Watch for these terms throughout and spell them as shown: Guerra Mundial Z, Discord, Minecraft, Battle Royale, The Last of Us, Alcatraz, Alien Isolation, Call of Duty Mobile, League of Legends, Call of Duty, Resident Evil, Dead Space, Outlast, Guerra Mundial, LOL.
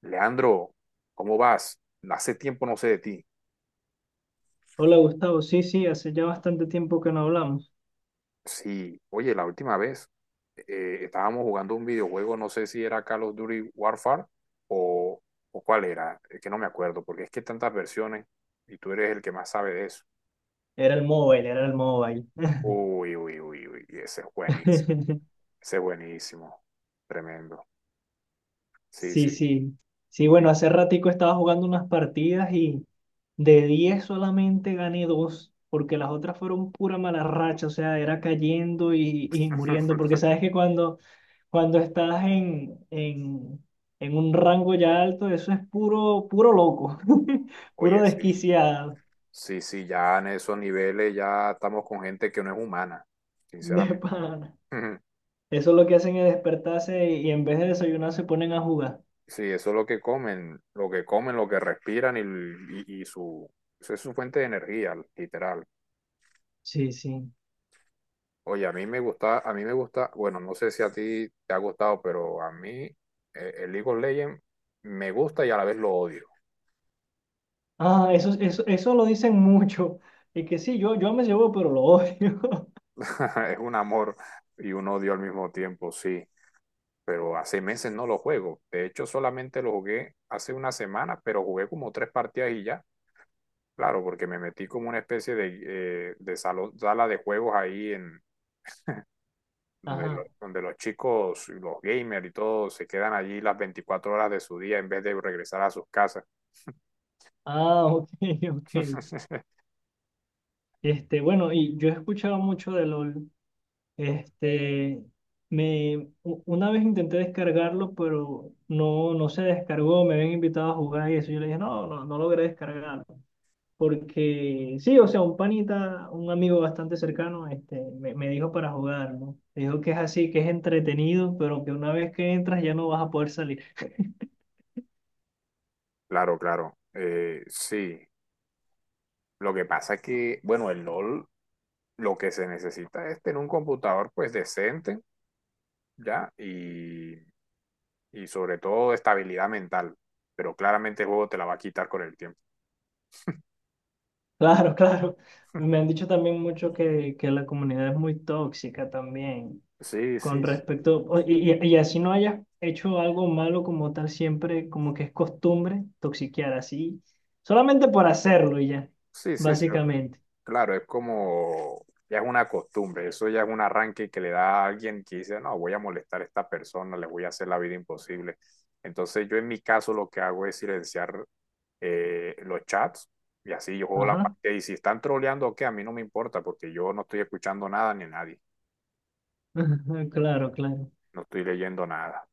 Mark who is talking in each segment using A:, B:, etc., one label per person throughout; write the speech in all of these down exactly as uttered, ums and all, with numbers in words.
A: Leandro, ¿cómo vas? Hace tiempo no sé de ti.
B: Hola Gustavo, sí, sí, hace ya bastante tiempo que no hablamos.
A: Sí, oye, la última vez eh, estábamos jugando un videojuego, no sé si era Call of Duty Warfare o, o cuál era, es que no me acuerdo, porque es que hay tantas versiones y tú eres el que más sabe de eso.
B: Era el móvil, era el móvil.
A: Uy, uy, uy, uy, y ese es buenísimo, ese es buenísimo, tremendo. Sí,
B: Sí,
A: sí.
B: sí. Sí,
A: Oye,
B: bueno, hace ratico estaba jugando unas partidas y de diez solamente gané dos, porque las otras fueron pura mala racha, o sea, era cayendo y, y muriendo, porque sabes que cuando, cuando estás en, en, en un rango ya alto, eso es puro, puro loco, puro
A: oye, sí,
B: desquiciado,
A: sí, sí, ya en esos niveles ya estamos con gente que no es humana,
B: de
A: sinceramente.
B: pana. Eso es lo que hacen es despertarse y en vez de desayunar se ponen a jugar.
A: Sí, eso es lo que comen, lo que comen, lo que respiran y, y- y su, eso es su fuente de energía, literal.
B: Sí, sí.
A: Oye, a mí me gusta, a mí me gusta, bueno, no sé si a ti te ha gustado, pero a mí eh, el League of Legends me gusta y a la vez lo odio.
B: Ah, eso, eso, eso lo dicen mucho. Y que sí, yo, yo me llevo, pero lo odio.
A: Es un amor y un odio al mismo tiempo, sí. Pero hace meses no lo juego. De hecho, solamente lo jugué hace una semana, pero jugué como tres partidas y ya. Claro, porque me metí como una especie de, eh, de salón, sala de juegos ahí en donde, lo-
B: Ajá.
A: donde los chicos, y los gamers y todo, se quedan allí las veinticuatro horas de su día en vez de regresar a sus casas.
B: Ah, ok, ok. Este, bueno, y yo he escuchado mucho de LOL. Este, me, u- una vez intenté descargarlo, pero no, no se descargó. Me habían invitado a jugar y eso. Yo le dije, no, no, no logré descargarlo. Porque sí, o sea, un panita, un amigo bastante cercano, este, me, me dijo para jugar, ¿no? Me dijo que es así, que es entretenido, pero que una vez que entras ya no vas a poder salir.
A: Claro, claro. Eh, sí. Lo que pasa es que, bueno, el L O L lo que se necesita es tener un computador pues decente, ¿ya? Y, y sobre todo estabilidad mental. Pero claramente el juego te la va a quitar con el tiempo.
B: Claro, claro. Me han dicho también mucho que, que la comunidad es muy tóxica también,
A: Sí, sí,
B: con
A: sí.
B: respecto, o- y, y- y así no hayas hecho algo malo como tal, siempre como que es costumbre toxiquear así, solamente por hacerlo y ya,
A: Sí, sí, sí.
B: básicamente.
A: Claro, es como, ya es una costumbre, eso ya es un arranque que le da a alguien que dice, no, voy a molestar a esta persona, le voy a hacer la vida imposible. Entonces yo en mi caso lo que hago es silenciar eh, los chats y así yo juego la
B: Ajá,
A: parte y si están troleando o qué, a mí no me importa porque yo no estoy escuchando nada ni a nadie,
B: claro, claro.
A: no estoy leyendo nada.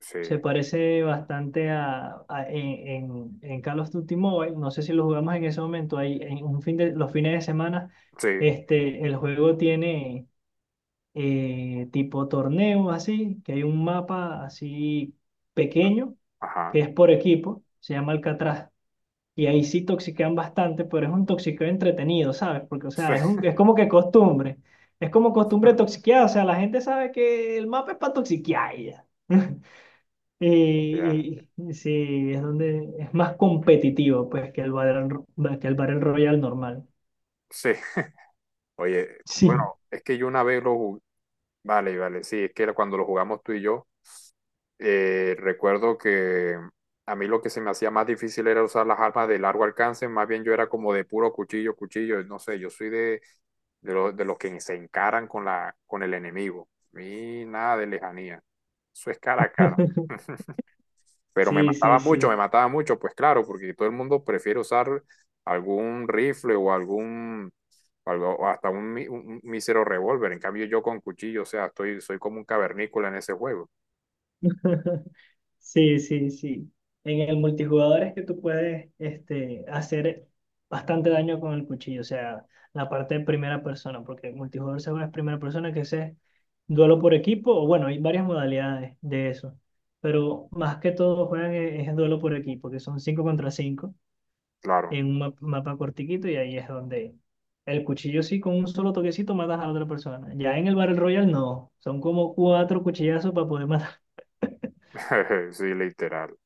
A: Sí,
B: Se parece bastante a, a- en, en, en Call of Duty Mobile. No sé si lo jugamos en ese momento. Ahí, en un fin de, los fines de semana,
A: sí,
B: este, el juego tiene eh, tipo torneos así, que hay un mapa así
A: sí,
B: pequeño,
A: ajá,
B: que es por equipo, se llama Alcatraz. Y ahí sí toxiquean bastante, pero es un toxiqueo entretenido, ¿sabes? Porque, o
A: sí,
B: sea, es, un, es como que costumbre. Es como costumbre toxiquear. O sea, la gente sabe que el mapa es para toxiquear y ya.
A: ya,
B: Y, y- sí, es donde es más competitivo pues que el Battle, Ro- que el Battle Royale normal.
A: sí. Oye, bueno,
B: Sí.
A: es que yo una vez lo jugué, vale, vale, sí, es que cuando lo jugamos tú y yo Eh, recuerdo que a mí lo que se me hacía más difícil era usar las armas de largo alcance, más bien yo era como de puro cuchillo, cuchillo, no sé, yo soy de, de, lo- de los que se encaran con la, con el enemigo. A mí nada de lejanía, eso es cara a cara. Pero me
B: Sí,
A: mataba
B: sí,
A: mucho,
B: sí.
A: me mataba mucho, pues claro, porque todo el mundo prefiere usar algún rifle o algún, algo- o hasta un, mi- un- un mísero revólver. En cambio yo con cuchillo, o sea, estoy, soy como un cavernícola en ese juego,
B: Sí, sí, sí. En el multijugador es que tú puedes este, hacer bastante daño con el cuchillo, o sea, la parte de primera persona, porque el multijugador se juega en primera persona, que ese es duelo por equipo, o bueno, hay varias modalidades de eso, pero más que todo juegan es, es duelo por equipo, que son cinco contra cinco
A: claro.
B: en un ma- mapa cortiquito y ahí es donde el cuchillo sí con un solo toquecito matas a otra persona. Ya en el Battle Royale no, son como cuatro cuchillazos para poder matar.
A: Sí, literal.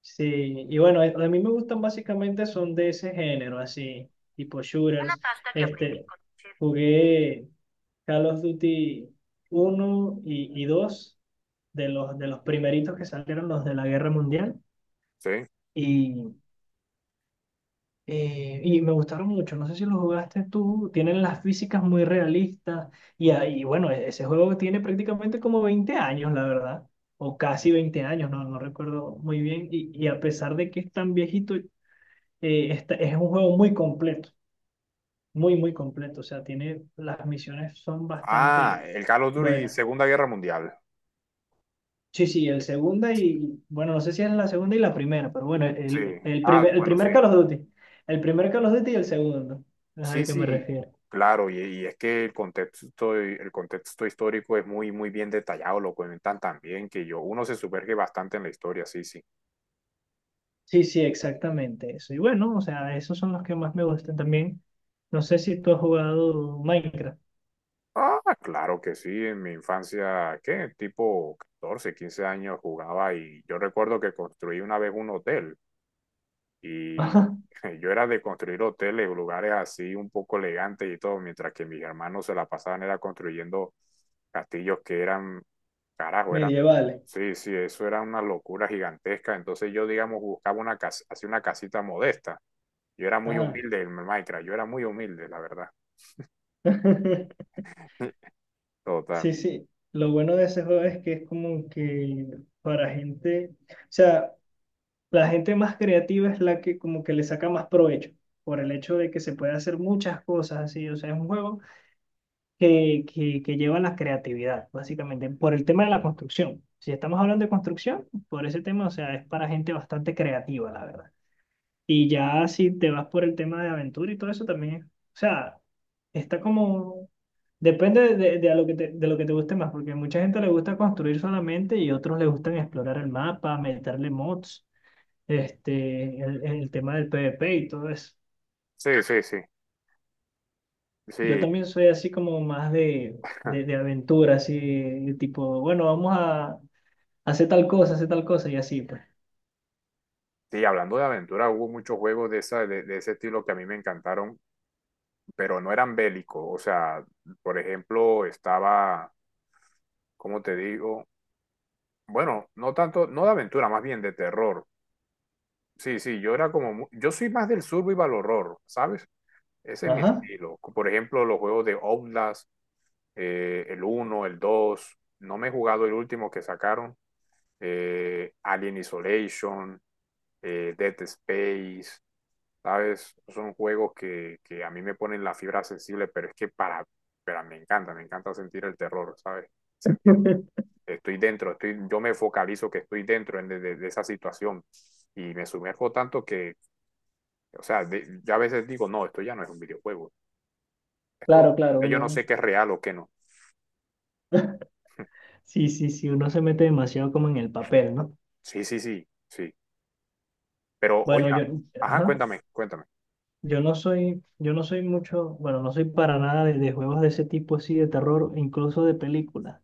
B: Sí, y bueno, a a mí me gustan básicamente son de ese género, así, tipo shooters. Este, jugué Call of Duty uno y, y dos de los, de los primeritos que salieron los de la Guerra Mundial.
A: Sí.
B: Y Eh, y me gustaron mucho, no sé si lo jugaste tú, tienen las físicas muy realistas y, ahí, bueno, e- ese juego tiene prácticamente como veinte años, la verdad, o casi veinte años, no, no recuerdo muy bien, y, y a pesar de que es tan viejito, eh, está- es un juego muy completo, muy, muy completo, o sea, tiene, las misiones son
A: Ah,
B: bastante
A: el Call of Duty
B: buenas.
A: Segunda Guerra Mundial.
B: Sí, sí, el segunda y, bueno, no sé si es la segunda y la primera, pero bueno,
A: Sí.
B: el, el
A: Ah,
B: primer, el
A: bueno, sí.
B: primer Call of Duty, el primer Call of Duty y el segundo, es
A: Sí,
B: al que me
A: sí.
B: refiero.
A: Claro, y, y es que el contexto, el contexto histórico es muy, muy bien detallado, lo cuentan tan bien que yo, uno se sumerge bastante en la historia, sí, sí.
B: Sí, sí, exactamente eso. Y bueno, o sea, esos son los que más me gustan también. No sé si tú has jugado Minecraft.
A: Ah, claro que sí, en mi infancia, ¿qué? Tipo catorce quince años jugaba y yo recuerdo que construí una vez un hotel. Y
B: Ajá,
A: yo era de construir hoteles, lugares así un poco elegantes y todo, mientras que mis hermanos se la pasaban era construyendo castillos que eran, carajo, eran,
B: medievales.
A: sí, sí, eso era una locura gigantesca. Entonces yo, digamos, buscaba una casa, así una casita modesta. Yo era muy
B: Ajá.
A: humilde en Minecraft, yo era muy humilde, la verdad. Total.
B: Sí, sí. Lo bueno de ese juego es que es como que para gente, o sea, la gente más creativa es la que como que le saca más provecho por el hecho de que se puede hacer muchas cosas así. O sea, es un juego que, que, que lleva a la creatividad, básicamente, por el tema de la construcción. Si estamos hablando de construcción, por ese tema, o sea, es para gente bastante creativa, la verdad. Y ya si te vas por el tema de aventura y todo eso también, o sea, está como, depende de, de- de a lo que te, de lo que te guste más, porque mucha gente le gusta construir solamente y otros le gustan explorar el mapa, meterle mods, este, el, el tema del PvP y todo eso.
A: Sí, sí, sí.
B: Yo
A: Sí,
B: también soy así como más de, de, de aventura, así tipo, bueno, vamos a hacer tal cosa, hacer tal cosa y así, pues.
A: sí, hablando de aventura, hubo muchos juegos de, esa, de, de ese estilo que a mí me encantaron, pero no eran bélicos. O sea, por ejemplo, estaba como te digo, bueno, no tanto, no de aventura, más bien de terror. Sí, sí, yo era como, mu- yo soy más del survival horror, ¿sabes? Ese es mi
B: Ajá.
A: estilo. Por ejemplo, los juegos de Outlast, eh, el uno el dos no me he jugado el último que sacaron, eh, Alien Isolation, eh, Dead Space, ¿sabes? Son juegos que, que a mí me ponen la fibra sensible, pero es que para, pero me encanta, me encanta sentir el terror, ¿sabes? Sentir estoy dentro, estoy, yo me focalizo que estoy dentro en, de, de, esa situación y me sumerjo tanto que, o sea, de, ya a veces digo, no, esto ya no es un videojuego,
B: Claro,
A: esto,
B: claro,
A: yo no
B: uno,
A: sé qué es real o qué no.
B: sí, sí, sí, uno se mete demasiado como en el papel, ¿no?
A: Sí, sí, sí, sí. Pero, oye,
B: Bueno, yo,
A: ajá,
B: ajá,
A: cuéntame, cuéntame.
B: yo no soy, yo no soy mucho, bueno, no soy para nada de, de juegos de ese tipo así, de terror, e incluso de películas.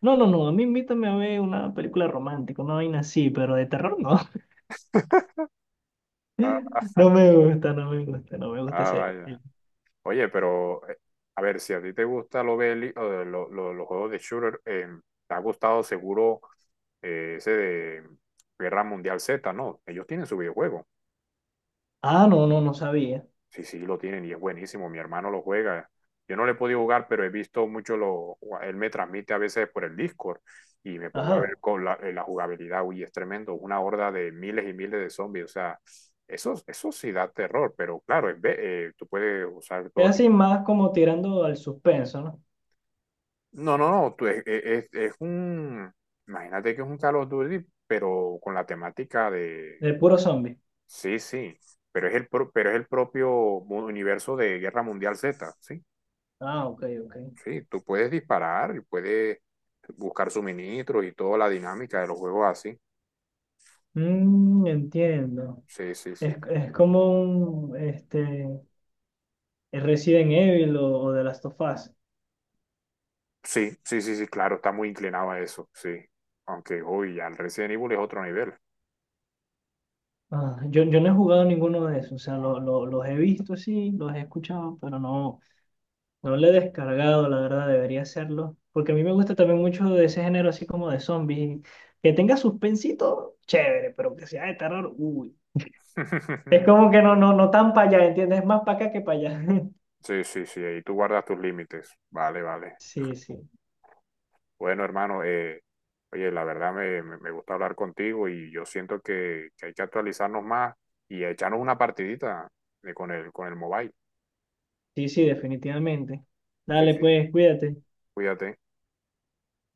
B: No, no, no, a mí invítame a ver una película romántica, una vaina así, pero de terror no,
A: Ah, ah,
B: no me gusta, no me gusta, no me gusta
A: ah,
B: ese...
A: vaya.
B: el-
A: Oye, pero, eh, a ver, si a ti te gusta lo beli- o lo- lo- los juegos de shooter, eh, te ha gustado seguro eh, ese de Guerra Mundial Z, ¿no? Ellos tienen su videojuego.
B: Ah, no, no, no sabía.
A: Sí, sí, lo tienen y es buenísimo. Mi hermano lo juega. Yo no le he podido jugar, pero he visto mucho lo. Él me transmite a veces por el Discord y me pongo a ver
B: Ajá.
A: con la, eh, la jugabilidad. Uy, es tremendo. Una horda de miles y miles de zombies. O sea, eso, eso sí da terror, pero claro, es ve- eh, tú puedes usar
B: Es
A: todo
B: así
A: tipo.
B: más como tirando al suspenso, ¿no?
A: No, no, no. Tú, es, es, es un. Imagínate que es un Call of Duty, pero con la temática de.
B: De puro zombie.
A: Sí, sí. Pero es el, pro- pero es el propio mu- universo de Guerra Mundial Z, ¿sí?
B: Ah, ok, ok.
A: Sí, tú puedes disparar y puedes buscar suministros y toda la dinámica de los juegos así.
B: Mm, entiendo.
A: Sí, sí, sí.
B: Es, es como un este, Resident Evil o, o The Last of Us.
A: Sí, sí, sí, sí, claro, está muy inclinado a eso, sí. Aunque, uy, al Resident Evil es otro nivel.
B: Ah, yo, yo no he jugado ninguno de esos. O sea, lo- lo- los he visto, sí, los he escuchado, pero no, no lo he descargado, la verdad, debería hacerlo. Porque a mí me gusta también mucho de ese género así como de zombies. Que tenga suspensito, chévere, pero que sea de terror, uy. Es como que no, no, no tan para allá, ¿entiendes? Es más para acá que para allá.
A: Sí, sí, sí, ahí tú guardas tus límites. Vale, vale.
B: Sí, sí,
A: Bueno, hermano, eh, oye, la verdad me, me, me gusta hablar contigo y yo siento que, que hay que actualizarnos más y echarnos una partidita de- con el, con el mobile.
B: sí, sí, definitivamente.
A: Sí,
B: Dale,
A: sí,
B: pues, cuídate.
A: cuídate.